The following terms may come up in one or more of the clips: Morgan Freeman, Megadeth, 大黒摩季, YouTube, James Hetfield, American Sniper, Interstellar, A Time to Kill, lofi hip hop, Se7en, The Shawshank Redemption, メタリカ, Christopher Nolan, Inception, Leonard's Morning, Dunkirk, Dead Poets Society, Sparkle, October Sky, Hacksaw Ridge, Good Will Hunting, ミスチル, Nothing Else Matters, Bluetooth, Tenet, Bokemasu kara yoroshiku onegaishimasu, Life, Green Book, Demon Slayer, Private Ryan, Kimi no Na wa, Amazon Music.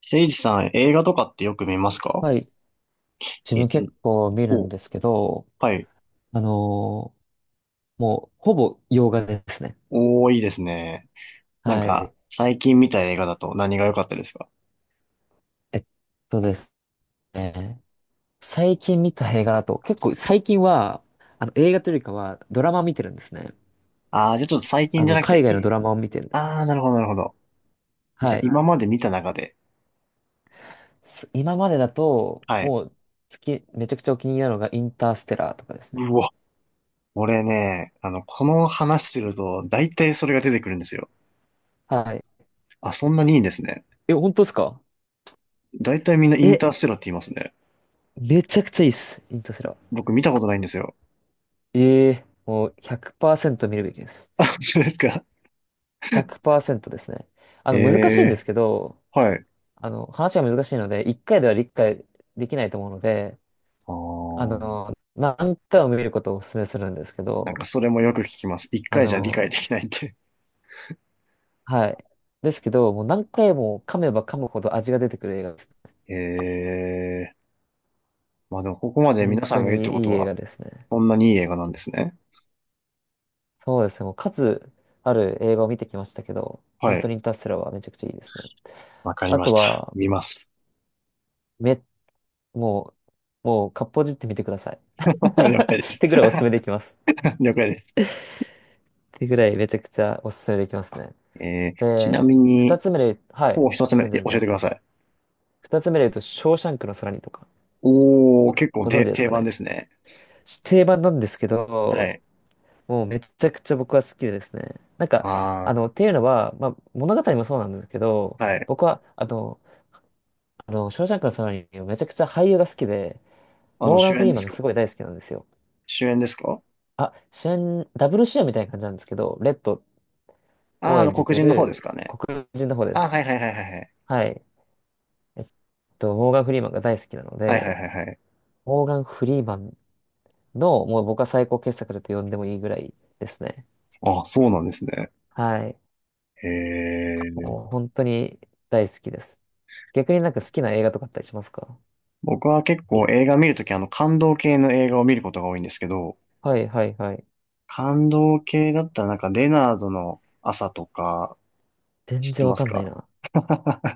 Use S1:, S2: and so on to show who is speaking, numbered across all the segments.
S1: せいじさん、映画とかってよく見ますか？
S2: はい。自
S1: えっ
S2: 分
S1: と、
S2: 結構見るん
S1: お、
S2: ですけど、
S1: はい。
S2: あのーもう、ほぼ洋画ですね。
S1: おー、いいですね。なん
S2: は
S1: か、
S2: い。
S1: 最近見た映画だと何が良かったですか？
S2: えっとですね。最近見た映画だと、結構最近は、映画というよりかは、ドラマを見てるんですね。
S1: あー、じゃあちょっと最
S2: あ
S1: 近じゃ
S2: の、
S1: なく
S2: 海
S1: て、
S2: 外のドラマを見てる。
S1: あー、なるほど、なるほど。じゃ
S2: は
S1: あ
S2: い。
S1: 今まで見た中で、
S2: 今までだと、
S1: はい。
S2: もう、好き、めちゃくちゃお気に入りなのが、インターステラーとかですね。
S1: うわ、俺ね、この話すると、大体それが出てくるんですよ。
S2: はい。
S1: あ、そんなにいいんですね。
S2: え、本当ですか？
S1: 大体みんなイン
S2: え、
S1: ターステラーって言いますね。
S2: めちゃくちゃいいっす、インターステラー。
S1: 僕見たことないんですよ。
S2: ええ、もう、100%見るべきです。
S1: あ、本当ですか？
S2: 100%ですね。あ
S1: え
S2: の、難しいん
S1: え
S2: ですけど、
S1: ー、はい。
S2: あの、話が難しいので、1回では理解できないと思うので、
S1: あ
S2: あ
S1: ー、
S2: の、何回も見ることをお勧めするんですけ
S1: なんか
S2: ど、
S1: それもよく聞きます。一
S2: あ
S1: 回じゃ理
S2: の、
S1: 解できないって。
S2: はい。ですけど、もう何回も噛めば噛むほど味が出てくる映画です。
S1: ええ、まあでもここまで
S2: 本
S1: 皆さ
S2: 当
S1: んが言うっ
S2: に
S1: てこ
S2: いい
S1: と
S2: 映
S1: は、
S2: 画ですね。
S1: そんなにいい映画なんですね。
S2: そうですね。もう数ある映画を見てきましたけど、
S1: は
S2: 本当
S1: い。
S2: にインターステラーはめちゃくちゃいいですね。
S1: わかり
S2: あ
S1: ま
S2: と
S1: した。
S2: は、
S1: 見ます。
S2: め、もう、もう、かっぽじってみてください。
S1: 了解で
S2: っ
S1: す。
S2: てぐらいおすすめできます。
S1: 了解です。
S2: ってぐらいめちゃくちゃおすすめできますね。
S1: ち
S2: で、
S1: なみ
S2: 二
S1: に、
S2: つ目で、はい、
S1: もう一つ目、
S2: 全然
S1: 教
S2: 全
S1: えてく
S2: 然。
S1: ださい。
S2: 二つ目で言うと、ショーシャンクの空にとか、
S1: おー、結構
S2: ご存知です
S1: 定
S2: か
S1: 番
S2: ね。
S1: ですね。
S2: 定番なんですけ
S1: は
S2: ど、
S1: い。
S2: もうめちゃくちゃ僕は好きでですね。なんか、
S1: あ
S2: あの、っていうのは、まあ、物語もそうなんですけど、
S1: ー、はい。
S2: 僕は、ショーシャンクの空にめちゃくちゃ俳優が好きで、モーガ
S1: 主
S2: ン・フ
S1: 演
S2: リ
S1: で
S2: ーマン
S1: す
S2: が
S1: か？
S2: すごい大好きなんですよ。
S1: 主演ですか？
S2: あ、主演、ダブル主演みたいな感じなんですけど、レッド
S1: あ
S2: を
S1: ー、
S2: 演じ
S1: 黒
S2: て
S1: 人の方です
S2: る
S1: かね。
S2: 黒人の方で
S1: あー、
S2: す。
S1: はいはいはいはいはい。
S2: はい。えっと、モーガン・フリーマンが大好きなの
S1: はいはい
S2: で、
S1: はいはい。
S2: モーガン・フリーマンの、もう僕は最高傑作だと呼んでもいいぐらいですね。
S1: あー、そうなんですね。
S2: はい。
S1: へえ。
S2: もう本当に大好きです。逆になんか好きな映画とかあったりしますか？
S1: 僕は結構映画見るとき、感動系の映画を見ることが多いんですけど、
S2: はいはいはい。
S1: 感動系だったらなんか、レナードの朝とか、
S2: 全
S1: 知って
S2: 然
S1: ま
S2: わ
S1: す
S2: かんない
S1: か？
S2: な。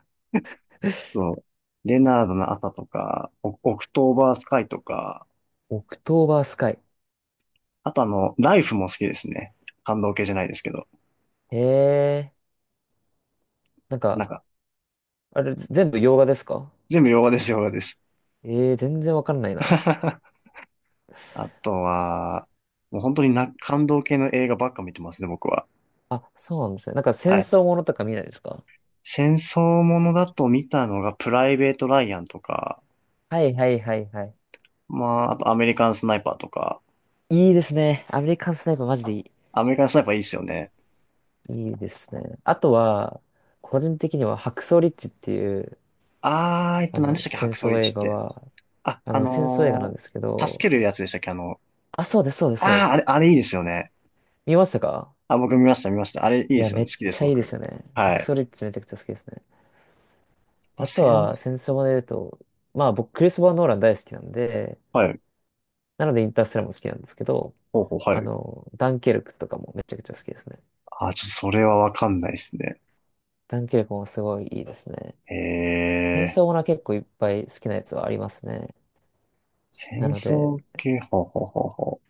S1: そう。レナードの朝とか、オオクトーバースカイとか、
S2: オクトーバースカイ。
S1: あとライフも好きですね。感動系じゃないですけど。
S2: へえ。なん
S1: な
S2: か、
S1: んか、
S2: あれ全部洋画ですか？
S1: 全部洋画です、洋画です。
S2: ええ、全然わかんない な。
S1: あとは、もう本当にな、感動系の映画ばっか見てますね、僕は。
S2: あ、そうなんですね。なんか戦
S1: はい。
S2: 争ものとか見ないですか？
S1: 戦争ものだと見たのがプライベート・ライアンとか、
S2: はいはいはいはい。
S1: まあ、あとアメリカン・スナイパーとか、
S2: いいですね。アメリカンスナイパーマジでいい。
S1: アメリカン・スナイパーいいっすよね。
S2: いいですね。あとは、個人的には白装リッチっていう、
S1: あー、
S2: あ
S1: 何で
S2: の、
S1: したっけ、ハ
S2: 戦
S1: クソ
S2: 争
S1: リ
S2: 映
S1: チっ
S2: 画
S1: て。
S2: は、
S1: あ、
S2: あの、戦争映画なんですけ
S1: 助
S2: ど、
S1: けるやつでしたっけ、
S2: あ、そうです、そうです、そうで
S1: あー、あれ、
S2: す。
S1: あれいいですよね。
S2: 見ましたか？
S1: あ、僕見ました、見ました。あれいい
S2: い
S1: で
S2: や、
S1: すよ
S2: め
S1: ね。好
S2: っ
S1: きで
S2: ち
S1: す、
S2: ゃいいです
S1: 僕。
S2: よね。
S1: は
S2: 白
S1: い。
S2: 装リッチめちゃくちゃ好きですね。
S1: まあ、
S2: あと
S1: セン
S2: は、
S1: ス、
S2: 戦争もで言うと、まあ、僕、クリストファー・ノーラン大好きなんで、
S1: はい。
S2: なのでインターステラーも好きなんですけど、
S1: ほうほう、は
S2: あ
S1: い。
S2: の、ダンケルクとかもめちゃくちゃ好きですね。
S1: あ、ちょっとそれはわかんないですね。
S2: ダンケルクもすごいいいですね。戦
S1: へ
S2: 争
S1: ー。
S2: ものは結構いっぱい好きなやつはありますね。な
S1: 戦
S2: ので、
S1: 争系、ほうほうほうほ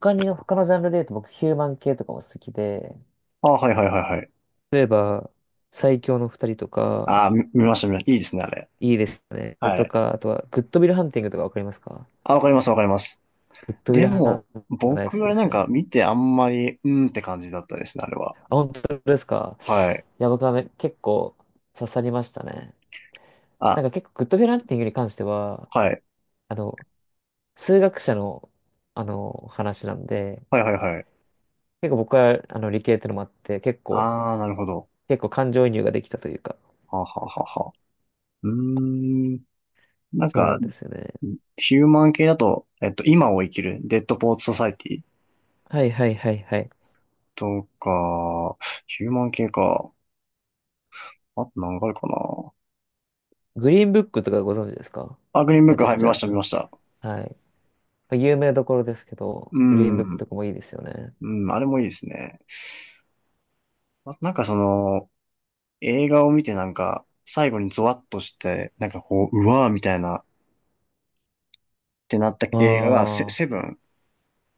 S2: 他のジャンルで言うと僕ヒューマン系とかも好きで、
S1: う。あ、はいはいはいはい。
S2: 例えば、最強の二人とか、
S1: あ、見ました、見ました。いいですね、あれ。
S2: いいですね。
S1: は
S2: と
S1: い。
S2: か、あとは、グッドウィルハンティングとかわかりますか？
S1: あ、わかります、わかります。
S2: グッドウィ
S1: で
S2: ルハン
S1: も、
S2: ティングが大好き
S1: 僕、あ
S2: で
S1: れな
S2: す
S1: んか
S2: ね。
S1: 見てあんまり、うーんって感じだったですね、あれは。
S2: あ、本当ですか？
S1: はい。
S2: いや、僕は結構刺さりましたね。な
S1: あ、
S2: んか結構グッドウィルハンティングに関しては、
S1: はい。
S2: あの、数学者の、あの、話なんで、
S1: はいはいはい。
S2: 結構僕は、あの、理系ってのもあって、結構、
S1: ああ、なるほど。
S2: 結構感情移入ができたというか、
S1: はあ、はあはあはあ。うーん。なん
S2: そうな
S1: か、
S2: んですよね。
S1: ヒューマン系だと、今を生きる、デッドポーツソサイティ
S2: はいはいはいはい。
S1: とか、ヒューマン系か。あと何があるかな。
S2: グリーンブックとかご存知ですか？
S1: あ、グリーンブッ
S2: め
S1: ク、
S2: ちゃ
S1: は
S2: く
S1: い、見
S2: ち
S1: ま
S2: ゃ。
S1: した、見ました。
S2: はい。有名どころですけど、
S1: う
S2: グリーンブック
S1: ん。
S2: とかもいいですよね。
S1: うん、あれもいいですね。あとなんかその、映画を見てなんか、最後にゾワッとして、なんかこう、うわーみたいな、ってなった
S2: あ
S1: 映画がセ、
S2: あ、
S1: セブン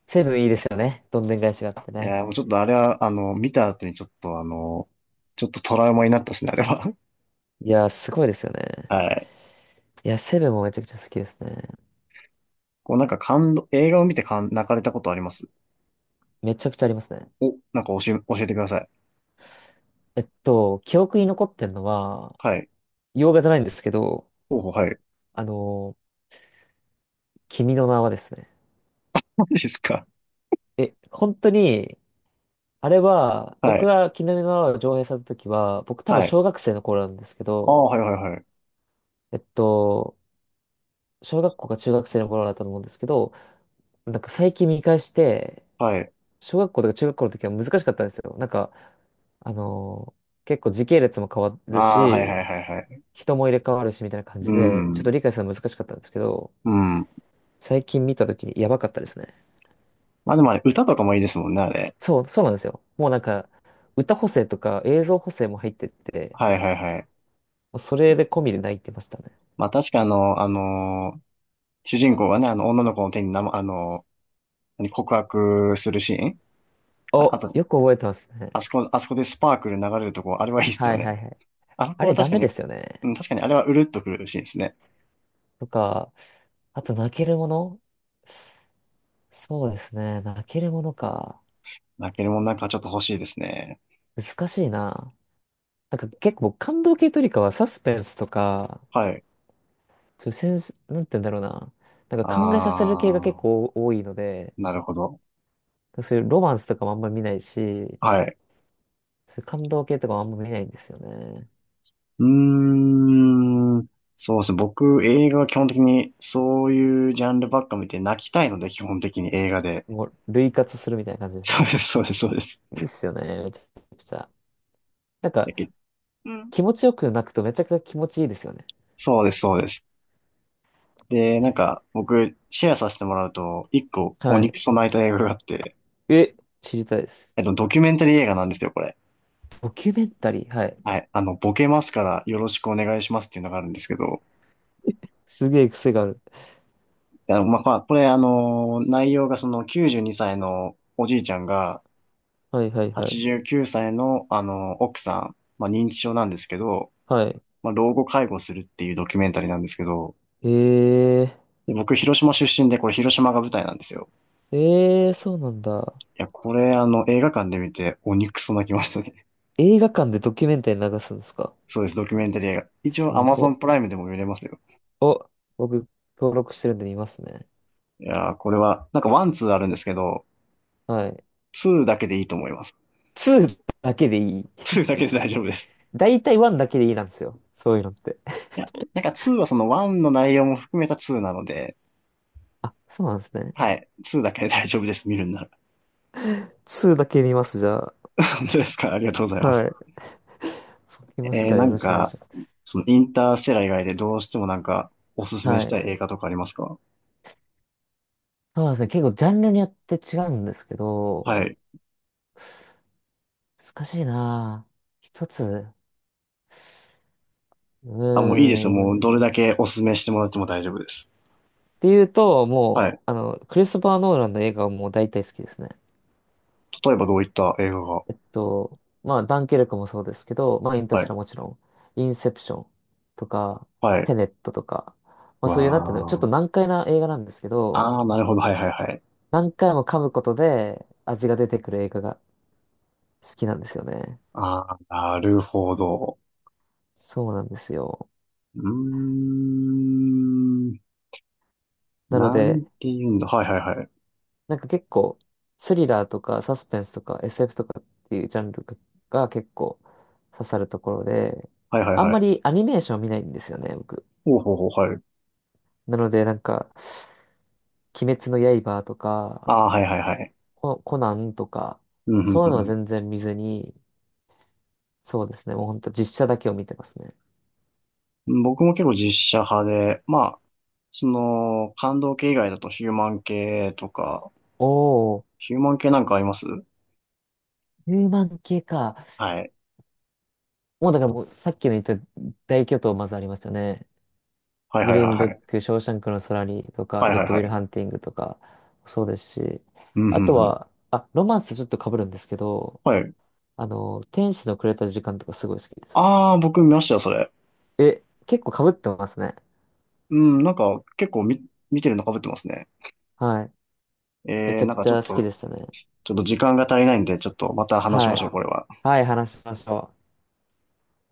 S2: セブンいいですよね。どんでん返しがあって
S1: い
S2: ね。
S1: やー、もうちょっとあれは、見た後にちょっとちょっとトラウマになったですね、あれは。
S2: いやー、すごいですよ ね。
S1: はい。
S2: いや、セブンもめちゃくちゃ好きですね。
S1: こうなんか感動、映画を見て感泣かれたことあります
S2: めちゃくちゃありますね。
S1: お、なんか教えてください。
S2: えっと、記憶に残ってんのは、
S1: はい。
S2: 洋画じゃないんですけど、
S1: ほうほう、はい。
S2: あのー君の名はですね。
S1: マジですか？
S2: え、本当に、あれは、
S1: は
S2: 僕
S1: い。
S2: が君の名は上映された時は、僕多分
S1: はい。
S2: 小学生の頃なんですけ
S1: ああ、
S2: ど、
S1: はいはいはい。
S2: えっと、小学校か中学生の頃だったと思うんですけど、なんか最近見返して、
S1: はい。
S2: 小学校とか中学校の時は難しかったんですよ。なんか、あのー結構時系列も変わる
S1: ああ、はい
S2: し、
S1: はいはいはい。
S2: 人も入れ替わるしみたいな感
S1: う
S2: じで、ちょっ
S1: ん。
S2: と理解するの難しかったんですけど、
S1: うん。
S2: 最近見た時にやばかったですね。
S1: まあでもあれ、歌とかもいいですもんね、あれ。
S2: そう、そうなんですよ。もうなんか、歌補正とか映像補正も入ってて、
S1: はいはいはい。
S2: もうそれで込みで泣いてましたね。
S1: まあ確か主人公がね、女の子の手に何告白するシーン？あ
S2: お、
S1: あと
S2: よく覚えてますね。
S1: あそこでスパークル流れるとこ、あれはいいです
S2: は
S1: よ
S2: いはい
S1: ね。
S2: はい。
S1: あそ
S2: あ
S1: こ
S2: れ
S1: は
S2: ダ
S1: 確か
S2: メで
S1: に、
S2: すよ
S1: う
S2: ね。
S1: ん、確かにあれはうるっとくるシーンですね。
S2: とか、あと泣けるもの、そうですね。泣けるものか。
S1: 泣けるもんなんかちょっと欲しいですね。
S2: 難しいな。なんか結構感動系というよりかはサスペンスとか、
S1: はい。
S2: そういうセンス、なんて言うんだろうな。なん
S1: あ
S2: か考えさせる系が結
S1: ー、
S2: 構多いので、
S1: なるほど。
S2: そういうロマンスとかもあんまり見ないし、
S1: はい。
S2: そういう感動系とかもあんまり見ないんですよね。
S1: うーん。そうですね。僕、映画は基本的にそういうジャンルばっか見て泣きたいので、基本的に映画で。
S2: もう類活するみたいな感じです
S1: そうで
S2: ね。
S1: す、そうです、そうです。
S2: いいっすよね、めちゃくちゃ。なん
S1: だ
S2: か
S1: けうん。
S2: 気持ちよく泣くとめちゃくちゃ気持ちいいですよね。
S1: そうです、そうです。で、なんか、僕、シェアさせてもらうと、一個、お
S2: は
S1: 肉
S2: い。
S1: ソ泣いた映画があって、
S2: え、知りたいです。
S1: ドキュメンタリー映画なんですよ、これ。
S2: ドキュメンタリー。はい。
S1: はい。ボケますからよろしくお願いしますっていうのがあるんですけど、
S2: すげえ癖がある。
S1: まあこれ、内容がその92歳のおじいちゃんが
S2: はいはいはい。
S1: 89歳の、奥さん、まあ、認知症なんですけど、
S2: はい。
S1: まあ、老後介護するっていうドキュメンタリーなんですけど、
S2: ええ
S1: で、僕、広島出身で、これ広島が舞台なんですよ。
S2: ー、ええー、そうなんだ。
S1: いや、これ、映画館で見て鬼クソ泣きましたね。
S2: 映画館でドキュメンタリー流すんですか？
S1: そうです、ドキュメンタリー映画。一
S2: す
S1: 応、Amazon
S2: ご
S1: プラ
S2: っ。
S1: イムでも見れますよ。
S2: お、僕、登録してるんで見ますね。
S1: いやー、これは、なんかワンツーあるんですけど、
S2: はい。
S1: ツーだけでいいと思います。
S2: 2だけでいい。
S1: ツーだけで大丈夫です。
S2: だいたい1だけでいいなんですよ、そういうのって。
S1: いや、なんか2はその1の内容も含めた2なので、
S2: あ、そうなんですね。
S1: はい。2だけで大丈夫です、見るんなら。
S2: 2だけ見ます、じゃあ。
S1: 本当ですか？ありがとうございます。
S2: はい。見ますから
S1: な
S2: よ
S1: ん
S2: ろしくお願い
S1: か、
S2: します。
S1: そのインターステラ以外でどうしてもなんか、おすすめ
S2: は
S1: した
S2: い。
S1: い映画とかありますか？
S2: そうですね。結構ジャンルによって違うんですけ
S1: は
S2: ど、
S1: い。
S2: 難しいなぁ。一つ。うー
S1: あ、もういいですよ。もう
S2: ん。
S1: どれだけおすすめしてもらっても大丈夫です。
S2: ていうと、
S1: は
S2: も
S1: い。
S2: う、あの、クリストファー・ノーランの映画はもう大体好きですね。
S1: 例えばどういった映画が？
S2: えっと、まあ、ダンケルクもそうですけど、まあ、インター
S1: は
S2: ステ
S1: い。
S2: ラーもちろん、インセプションとか、
S1: は
S2: テ
S1: い。
S2: ネットとか、まあ、
S1: わ
S2: そういう、なんていうの、ちょっと
S1: ー。
S2: 難解な映画なんですけど、
S1: あー、なるほど。はいはいはい。
S2: 何回も噛むことで味が出てくる映画が好きなんですよね。
S1: あー、なるほど。
S2: そうなんですよ。
S1: うーん。
S2: なの
S1: なん
S2: で、
S1: て言うんだ。はいはいはい。
S2: なんか結構、スリラーとかサスペンスとか SF とかっていうジャンルが結構刺さるところで、
S1: はいはい
S2: あん
S1: は
S2: ま
S1: い。
S2: りアニメーション見ないんですよね、僕。
S1: ほうほうほう、はい。
S2: なのでなんか、鬼滅の刃とか、
S1: ああ、はいはいはい。
S2: ココナンとか、
S1: うん、
S2: そういうのは
S1: うん、
S2: 全然見ずに、そうですね、もうほんと実写だけを見てますね。
S1: うん。僕も結構実写派で、まあ、その、感動系以外だとヒューマン系とか、
S2: おー、
S1: ヒューマン系なんかあります？
S2: ヒューマン系か。
S1: はい。
S2: もうだからもうさっきの言った大巨頭まずありましたね。
S1: はい
S2: グ
S1: はい
S2: リー
S1: はい
S2: ン
S1: は
S2: ブッ
S1: い。
S2: ク、ショーシャンクの空にとか、
S1: はい
S2: グッ
S1: はい
S2: ドウィ
S1: は
S2: ル
S1: い。
S2: ハンティングとか、そうですし、
S1: うん、う
S2: あと
S1: ん、うん。
S2: は、あ、ロマンスとちょっと被るんですけど、
S1: はい。
S2: あの、天使のくれた時間とかすごい好きです。
S1: ああ、僕見ましたよ、それ。
S2: え、結構被ってますね。
S1: うん、なんか結構見てるの被ってますね。
S2: はい。めちゃ
S1: な
S2: く
S1: んか
S2: ち
S1: ちょ
S2: ゃ
S1: っ
S2: 好き
S1: と、
S2: でしたね。
S1: ちょっと時間が足りないんで、ちょっとまた話し
S2: は
S1: ましょ
S2: い。
S1: う、これは。
S2: はい、話しましょう。